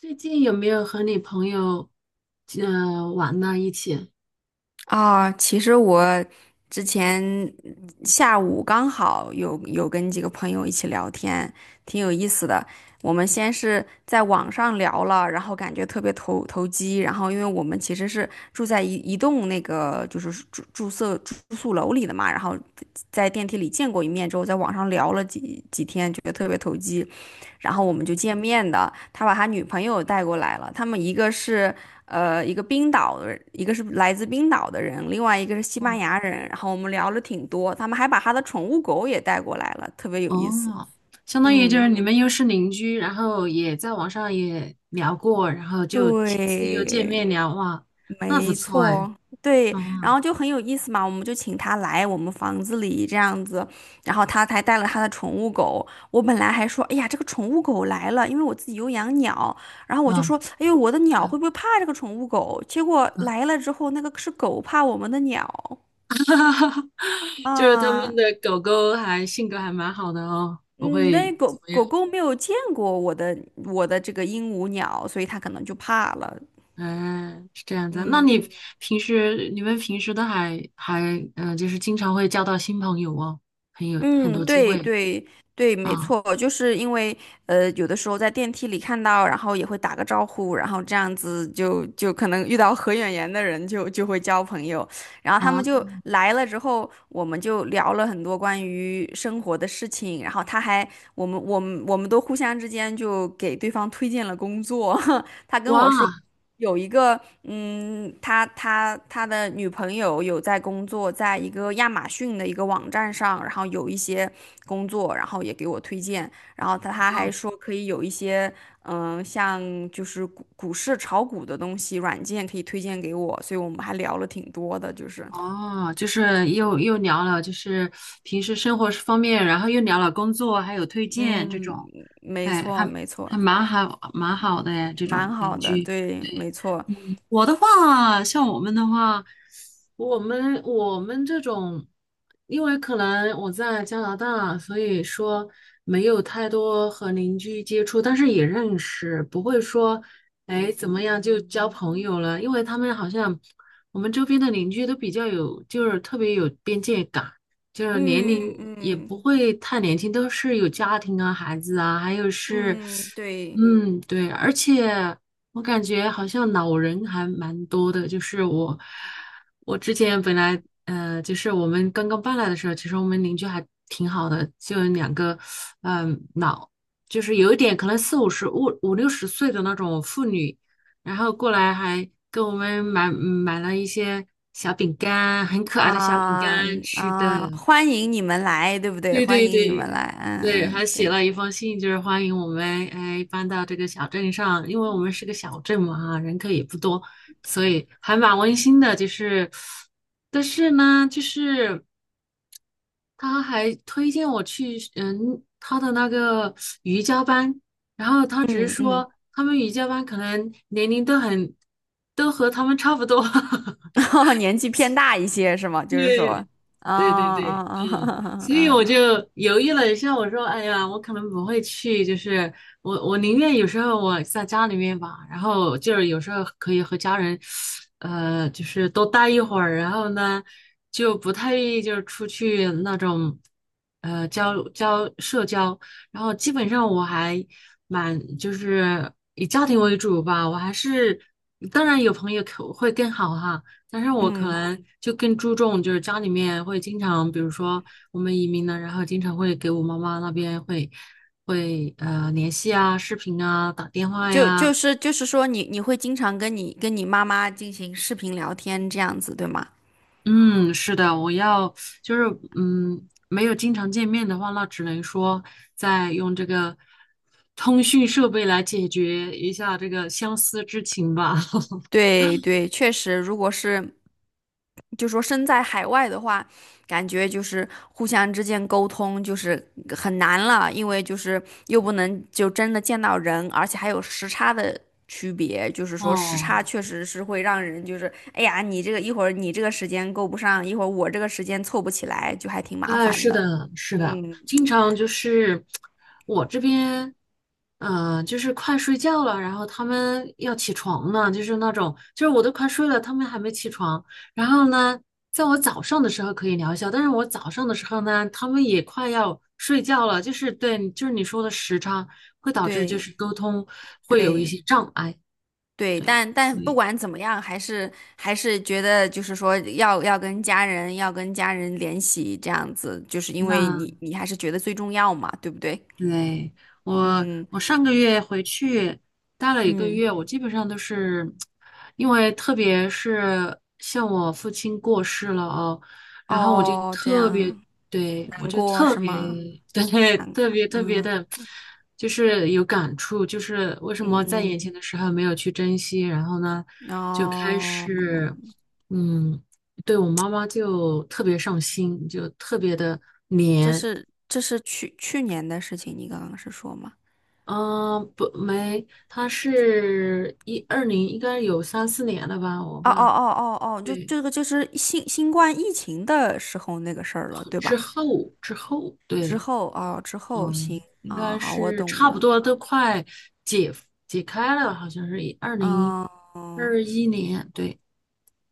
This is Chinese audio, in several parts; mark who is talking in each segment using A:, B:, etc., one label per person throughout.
A: 最近有没有和你朋友玩呢？一起？
B: 啊，其实我之前下午刚好有跟几个朋友一起聊天，挺有意思的。我们先是在网上聊了，然后感觉特别投机，然后因为我们其实是住在一栋那个就是住宿楼里的嘛，然后在电梯里见过一面之后，在网上聊了几天，觉得特别投机。然后我们就
A: 哦
B: 见面的。他把他女朋友带过来了，他们一个是呃一个冰岛的人一个是来自冰岛的人，另外一个是西班
A: 哦
B: 牙人。然后我们聊了挺多，他们还把他的宠物狗也带过来了，特别有意
A: 哦，
B: 思。
A: 相当于就是
B: 嗯，
A: 你们又是邻居，然后也在网上也聊过，然后就亲自又见
B: 对。
A: 面聊，哇，那不
B: 没
A: 错哎，
B: 错，对，然
A: 嗯
B: 后就很有意思嘛，我们就请他来我们房子里这样子，然后他还带了他的宠物狗。我本来还说，哎呀，这个宠物狗来了，因为我自己有养鸟，然后我就
A: 嗯，
B: 说，哎呦，我的鸟会不会怕这个宠物狗？结果
A: 嗯
B: 来了之后，那个是狗怕我们的鸟
A: 就是他们
B: 啊。
A: 的狗狗还性格还蛮好的哦，不
B: 嗯，但
A: 会。
B: 是
A: 怎
B: 狗
A: 么
B: 狗
A: 样。
B: 狗没有见过我的这个鹦鹉鸟，所以它可能就怕了，
A: 嗯，是这样子。那
B: 嗯。
A: 你们平时都还就是经常会交到新朋友哦，很
B: 嗯，
A: 多机
B: 对
A: 会
B: 对对，没
A: 啊
B: 错，就是因为有的时候在电梯里看到，然后也会打个招呼，然后这样子就可能遇到合眼缘的人就会交朋友，然后他们
A: 啊
B: 就来了之后，我们就聊了很多关于生活的事情，然后我们都互相之间就给对方推荐了工作，他跟
A: 哇
B: 我说。有一个，嗯，他的女朋友有在工作，在一个亚马逊的一个网站上，然后有一些工作，然后也给我推荐，然后他还
A: 哦
B: 说可以有一些，嗯，像就是股市炒股的东西软件可以推荐给我，所以我们还聊了挺多的，就是，
A: 哦，就是又聊了，就是平时生活方面，然后又聊了工作，还有推荐这
B: 嗯，
A: 种。
B: 没
A: 哎，
B: 错
A: 还
B: 没错，
A: 还蛮好蛮好的哎，这
B: 蛮
A: 种
B: 好
A: 邻
B: 的，
A: 居。
B: 对，
A: 对。
B: 没错，
A: 我的话，像我们的话，我们这种，因为可能我在加拿大，所以说没有太多和邻居接触，但是也认识，不会说，哎，怎么样就交朋友了，因为他们好像我们周边的邻居都比较有，就是特别有边界感，就是年
B: 嗯
A: 龄也
B: 嗯
A: 不会太年轻，都是有家庭啊、孩子啊，还有是，
B: 嗯，对。
A: 嗯，对，而且。我感觉好像老人还蛮多的，就是我，我之前本来，就是我们刚刚搬来的时候，其实我们邻居还挺好的，就有两个，嗯、老，就是有一点可能四五十、五六十岁的那种妇女，然后过来还给我们买买了一些小饼干，很可爱的小饼
B: 啊
A: 干吃的，
B: 啊，欢迎你们来，对不对？
A: 对
B: 欢
A: 对
B: 迎你们
A: 对
B: 来，嗯
A: 对，还
B: 嗯，
A: 写
B: 对，
A: 了一封信，就是欢迎我们哎搬到这个小镇上，因为我们是个小镇嘛哈，人口也不多，所以还蛮温馨的。就是，但是呢，就是他还推荐我去他的那个瑜伽班，然后他只是
B: 嗯嗯，
A: 说他们瑜伽班可能年龄都很都和他们差不多，
B: 哦，年纪偏大一些是吗？就是说，
A: 对，
B: 啊
A: 对对
B: 啊
A: 对，
B: 啊
A: 嗯，
B: 啊，
A: 所以我
B: 啊
A: 就犹豫了一下，我说，哎呀，我可能不会去，就是我宁愿有时候我在家里面吧，然后就是有时候可以和家人，就是多待一会儿，然后呢，就不太愿意就是出去那种，社交，然后基本上我还蛮就是以家庭为主吧，我还是当然有朋友可会更好哈。但是我可能就更注重，就是家里面会经常，比如说我们移民了，然后经常会给我妈妈那边会联系啊、视频啊、打电话
B: 就
A: 呀。
B: 就是说你，你会经常跟你妈妈进行视频聊天这样子，对吗？
A: 嗯，是的，我要就是没有经常见面的话，那只能说再用这个通讯设备来解决一下这个相思之情吧。
B: 对对，确实，如果是就说身在海外的话，感觉就是互相之间沟通就是很难了，因为就是又不能就真的见到人，而且还有时差的区别，就是 说时
A: 哦。
B: 差确实是会让人就是哎呀，你这个一会儿你这个时间够不上，一会儿我这个时间凑不起来，就还挺麻
A: 哎，
B: 烦
A: 是
B: 的。
A: 的，是的，
B: 嗯，
A: 经常就是我这边，就是快睡觉了，然后他们要起床呢，就是那种，就是我都快睡了，他们还没起床。然后呢，在我早上的时候可以聊一下，但是我早上的时候呢，他们也快要睡觉了，就是对，就是你说的时差会导致就
B: 对
A: 是沟通会有一
B: 对。
A: 些障碍，
B: 对，
A: 对，
B: 但但
A: 所
B: 不
A: 以
B: 管怎么样，还是还是觉得就是说要跟家人联系这样子，就是因为你
A: 那。
B: 你还是觉得最重要嘛，对不对？
A: 对，我，
B: 嗯
A: 我上个月回去待了一个
B: 嗯，
A: 月，我基本上都是，因为特别是像我父亲过世了哦，然后我就
B: 哦，这
A: 特别，
B: 样
A: 对，我
B: 难
A: 就
B: 过
A: 特
B: 是
A: 别，
B: 吗？
A: 对，特别特别
B: 嗯
A: 的，就是有感触，就是为什么在
B: 嗯，
A: 眼前的时候没有去珍惜，然后呢，就开
B: 哦，
A: 始，嗯，对我妈妈就特别上心，就特别的
B: 这
A: 黏。
B: 是这是去年的事情，你刚刚是说吗？
A: 嗯，不，没，他是一二零，应该有三四年了吧，我
B: 哦哦
A: 吧，
B: 哦哦哦，就
A: 对，
B: 这个就是新冠疫情的时候那个事儿了，对
A: 之
B: 吧？
A: 后之后，
B: 之
A: 对，
B: 后哦，之后行
A: 嗯，应
B: 啊，
A: 该
B: 好，我
A: 是
B: 懂
A: 差不
B: 了，
A: 多都快解解开了，好像是二零
B: 嗯
A: 二一年，对，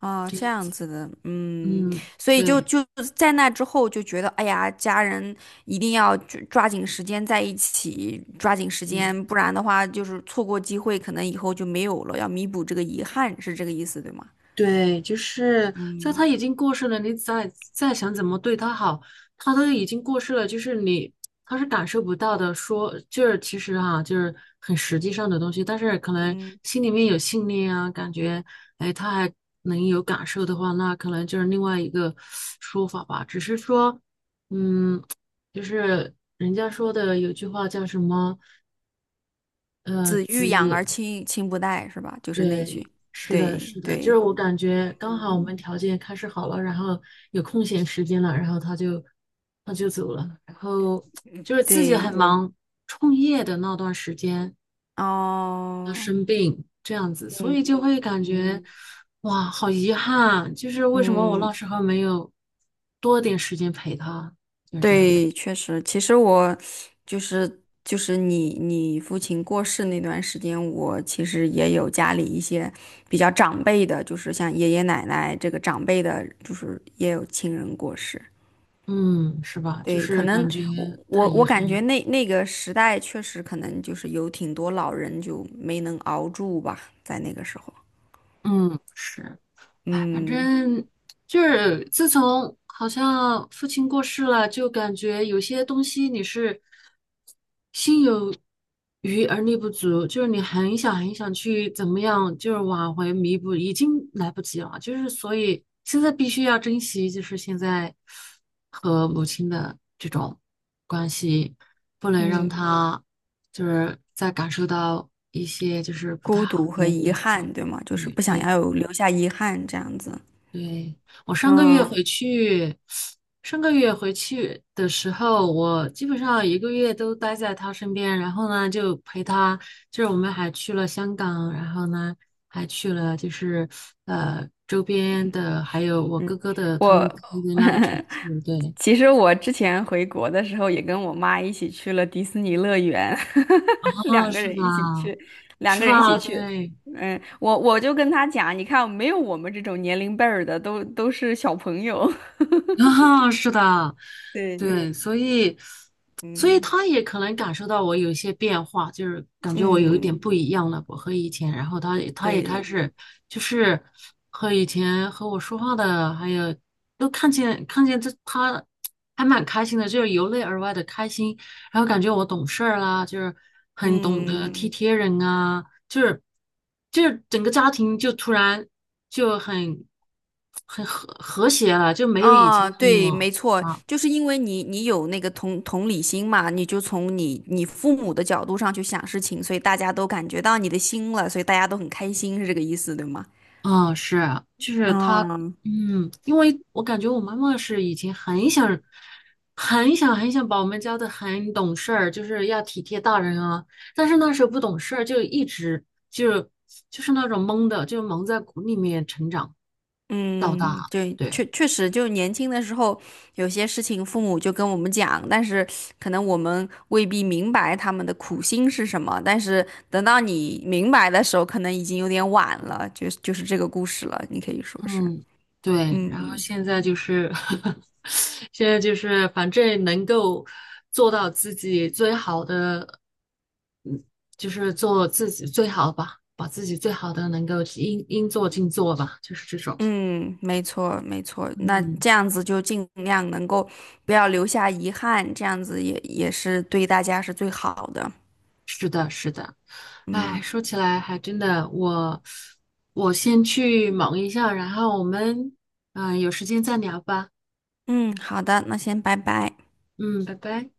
B: 哦，
A: 这
B: 这
A: 样
B: 样
A: 子，
B: 子的，嗯，
A: 嗯，
B: 所以就
A: 对，
B: 就在那之后就觉得，哎呀，家人一定要抓紧时间在一起，抓紧时
A: 对，
B: 间，不然的话就是错过机会，可能以后就没有了，要弥补这个遗憾，是这个意思，对吗？
A: 对，就是在他
B: 嗯
A: 已经过世了，你再想怎么对他好，他都已经过世了，就是你他是感受不到的。说就是其实哈、就是很实际上的东西，但是可能
B: 嗯，
A: 心里面有信念啊，感觉哎他还能有感受的话，那可能就是另外一个说法吧。只是说，嗯，就是人家说的有句话叫什么，呃，
B: 子欲养
A: 子
B: 而亲不待是吧？就是那
A: 对，
B: 句，
A: 是的，
B: 对
A: 是的，就是
B: 对，
A: 我感觉刚好我
B: 嗯
A: 们条件开始好了，然后有空闲时间了，然后他就走了，然后就是自己
B: 对，
A: 很忙，创业的那段时间他
B: 哦，
A: 生病这样子，所以就
B: 嗯
A: 会感觉
B: 嗯。
A: 哇，好遗憾，就是为什么我那
B: 嗯，
A: 时候没有多点时间陪他，就是这样子，
B: 对，确实，其实我就是就是你你父亲过世那段时间，我其实也有家里一些比较长辈的，就是像爷爷奶奶这个长辈的，就是也有亲人过世。
A: 嗯，是吧？就
B: 对，可
A: 是
B: 能
A: 感觉
B: 我
A: 太
B: 我
A: 遗
B: 我
A: 憾，
B: 感觉那个时代确实可能就是有挺多老人就没能熬住吧，在那个时候，
A: 嗯，是。哎，反
B: 嗯
A: 正就是自从好像父亲过世了，就感觉有些东西你是心有余而力不足，就是你很想很想去怎么样，就是挽回弥补，已经来不及了。就是所以现在必须要珍惜，就是现在和母亲的这种关系，不能让
B: 嗯，
A: 她就是再感受到一些就是不太
B: 孤
A: 好
B: 独和
A: 的
B: 遗
A: 感受。
B: 憾，对吗？就是
A: 嗯，
B: 不想
A: 对。
B: 要有留下遗憾这样子，
A: 对，我上个月
B: 嗯。
A: 回去，上个月回去的时候，我基本上一个月都待在他身边，然后呢就陪他，就是我们还去了香港，然后呢还去了就是周边的，还有我
B: 嗯，
A: 哥哥的他们待
B: 我
A: 的那个城 市，对，
B: 其实我之前回国的时候也跟我妈一起去了迪士尼乐园，
A: 啊，
B: 两个
A: 是
B: 人一起
A: 吧？
B: 去，两
A: 是
B: 个人一起
A: 吧？
B: 去。
A: 对，
B: 嗯，我我就跟她讲，你看没有我们这种年龄辈儿的，都是小朋友。
A: 啊，是的，
B: 对，
A: 对，所以，所以
B: 嗯，
A: 他也可能感受到我有一些变化，就是感觉我有一点
B: 嗯，
A: 不一样了，我和以前，然后他也开
B: 对，
A: 始就是和以前和我说话的，还有都看见这他还蛮开心的，就是由内而外的开心，然后感觉我懂事儿啦，就是很懂得体
B: 嗯。
A: 贴人啊，就是就是整个家庭就突然就很很和谐了，就没有以前
B: 啊，
A: 那
B: 对，
A: 么
B: 没错，
A: 啊，
B: 就是因为你你有那个同理心嘛，你就从你父母的角度上去想事情，所以大家都感觉到你的心了，所以大家都很开心，是这个意思，对吗？
A: 啊是，就是他，
B: 嗯，
A: 嗯，因为我感觉我妈妈是以前很想很想很想把我们教的很懂事儿，就是要体贴大人啊，但是那时候不懂事儿，就一直就就是那种懵的，就蒙在鼓里面成长到大，
B: 嗯，对，
A: 对。
B: 确确实，就年轻的时候，有些事情父母就跟我们讲，但是可能我们未必明白他们的苦心是什么，但是等到你明白的时候，可能已经有点晚了，就是这个故事了，你可以说是，
A: 嗯，对，
B: 嗯。
A: 然后
B: 嗯
A: 现在就是，现在就是，反正能够做到自己最好的，就是做自己最好吧，把自己最好的能够应应做尽做吧，就是这种。
B: 嗯，没错，没错。那
A: 嗯，
B: 这样子就尽量能够不要留下遗憾，这样子也也是对大家是最好的。
A: 哎，
B: 嗯
A: 说起来还真的，我我先去忙一下，然后我们有时间再聊吧。
B: 嗯，好的，那先拜拜。
A: 嗯，拜拜。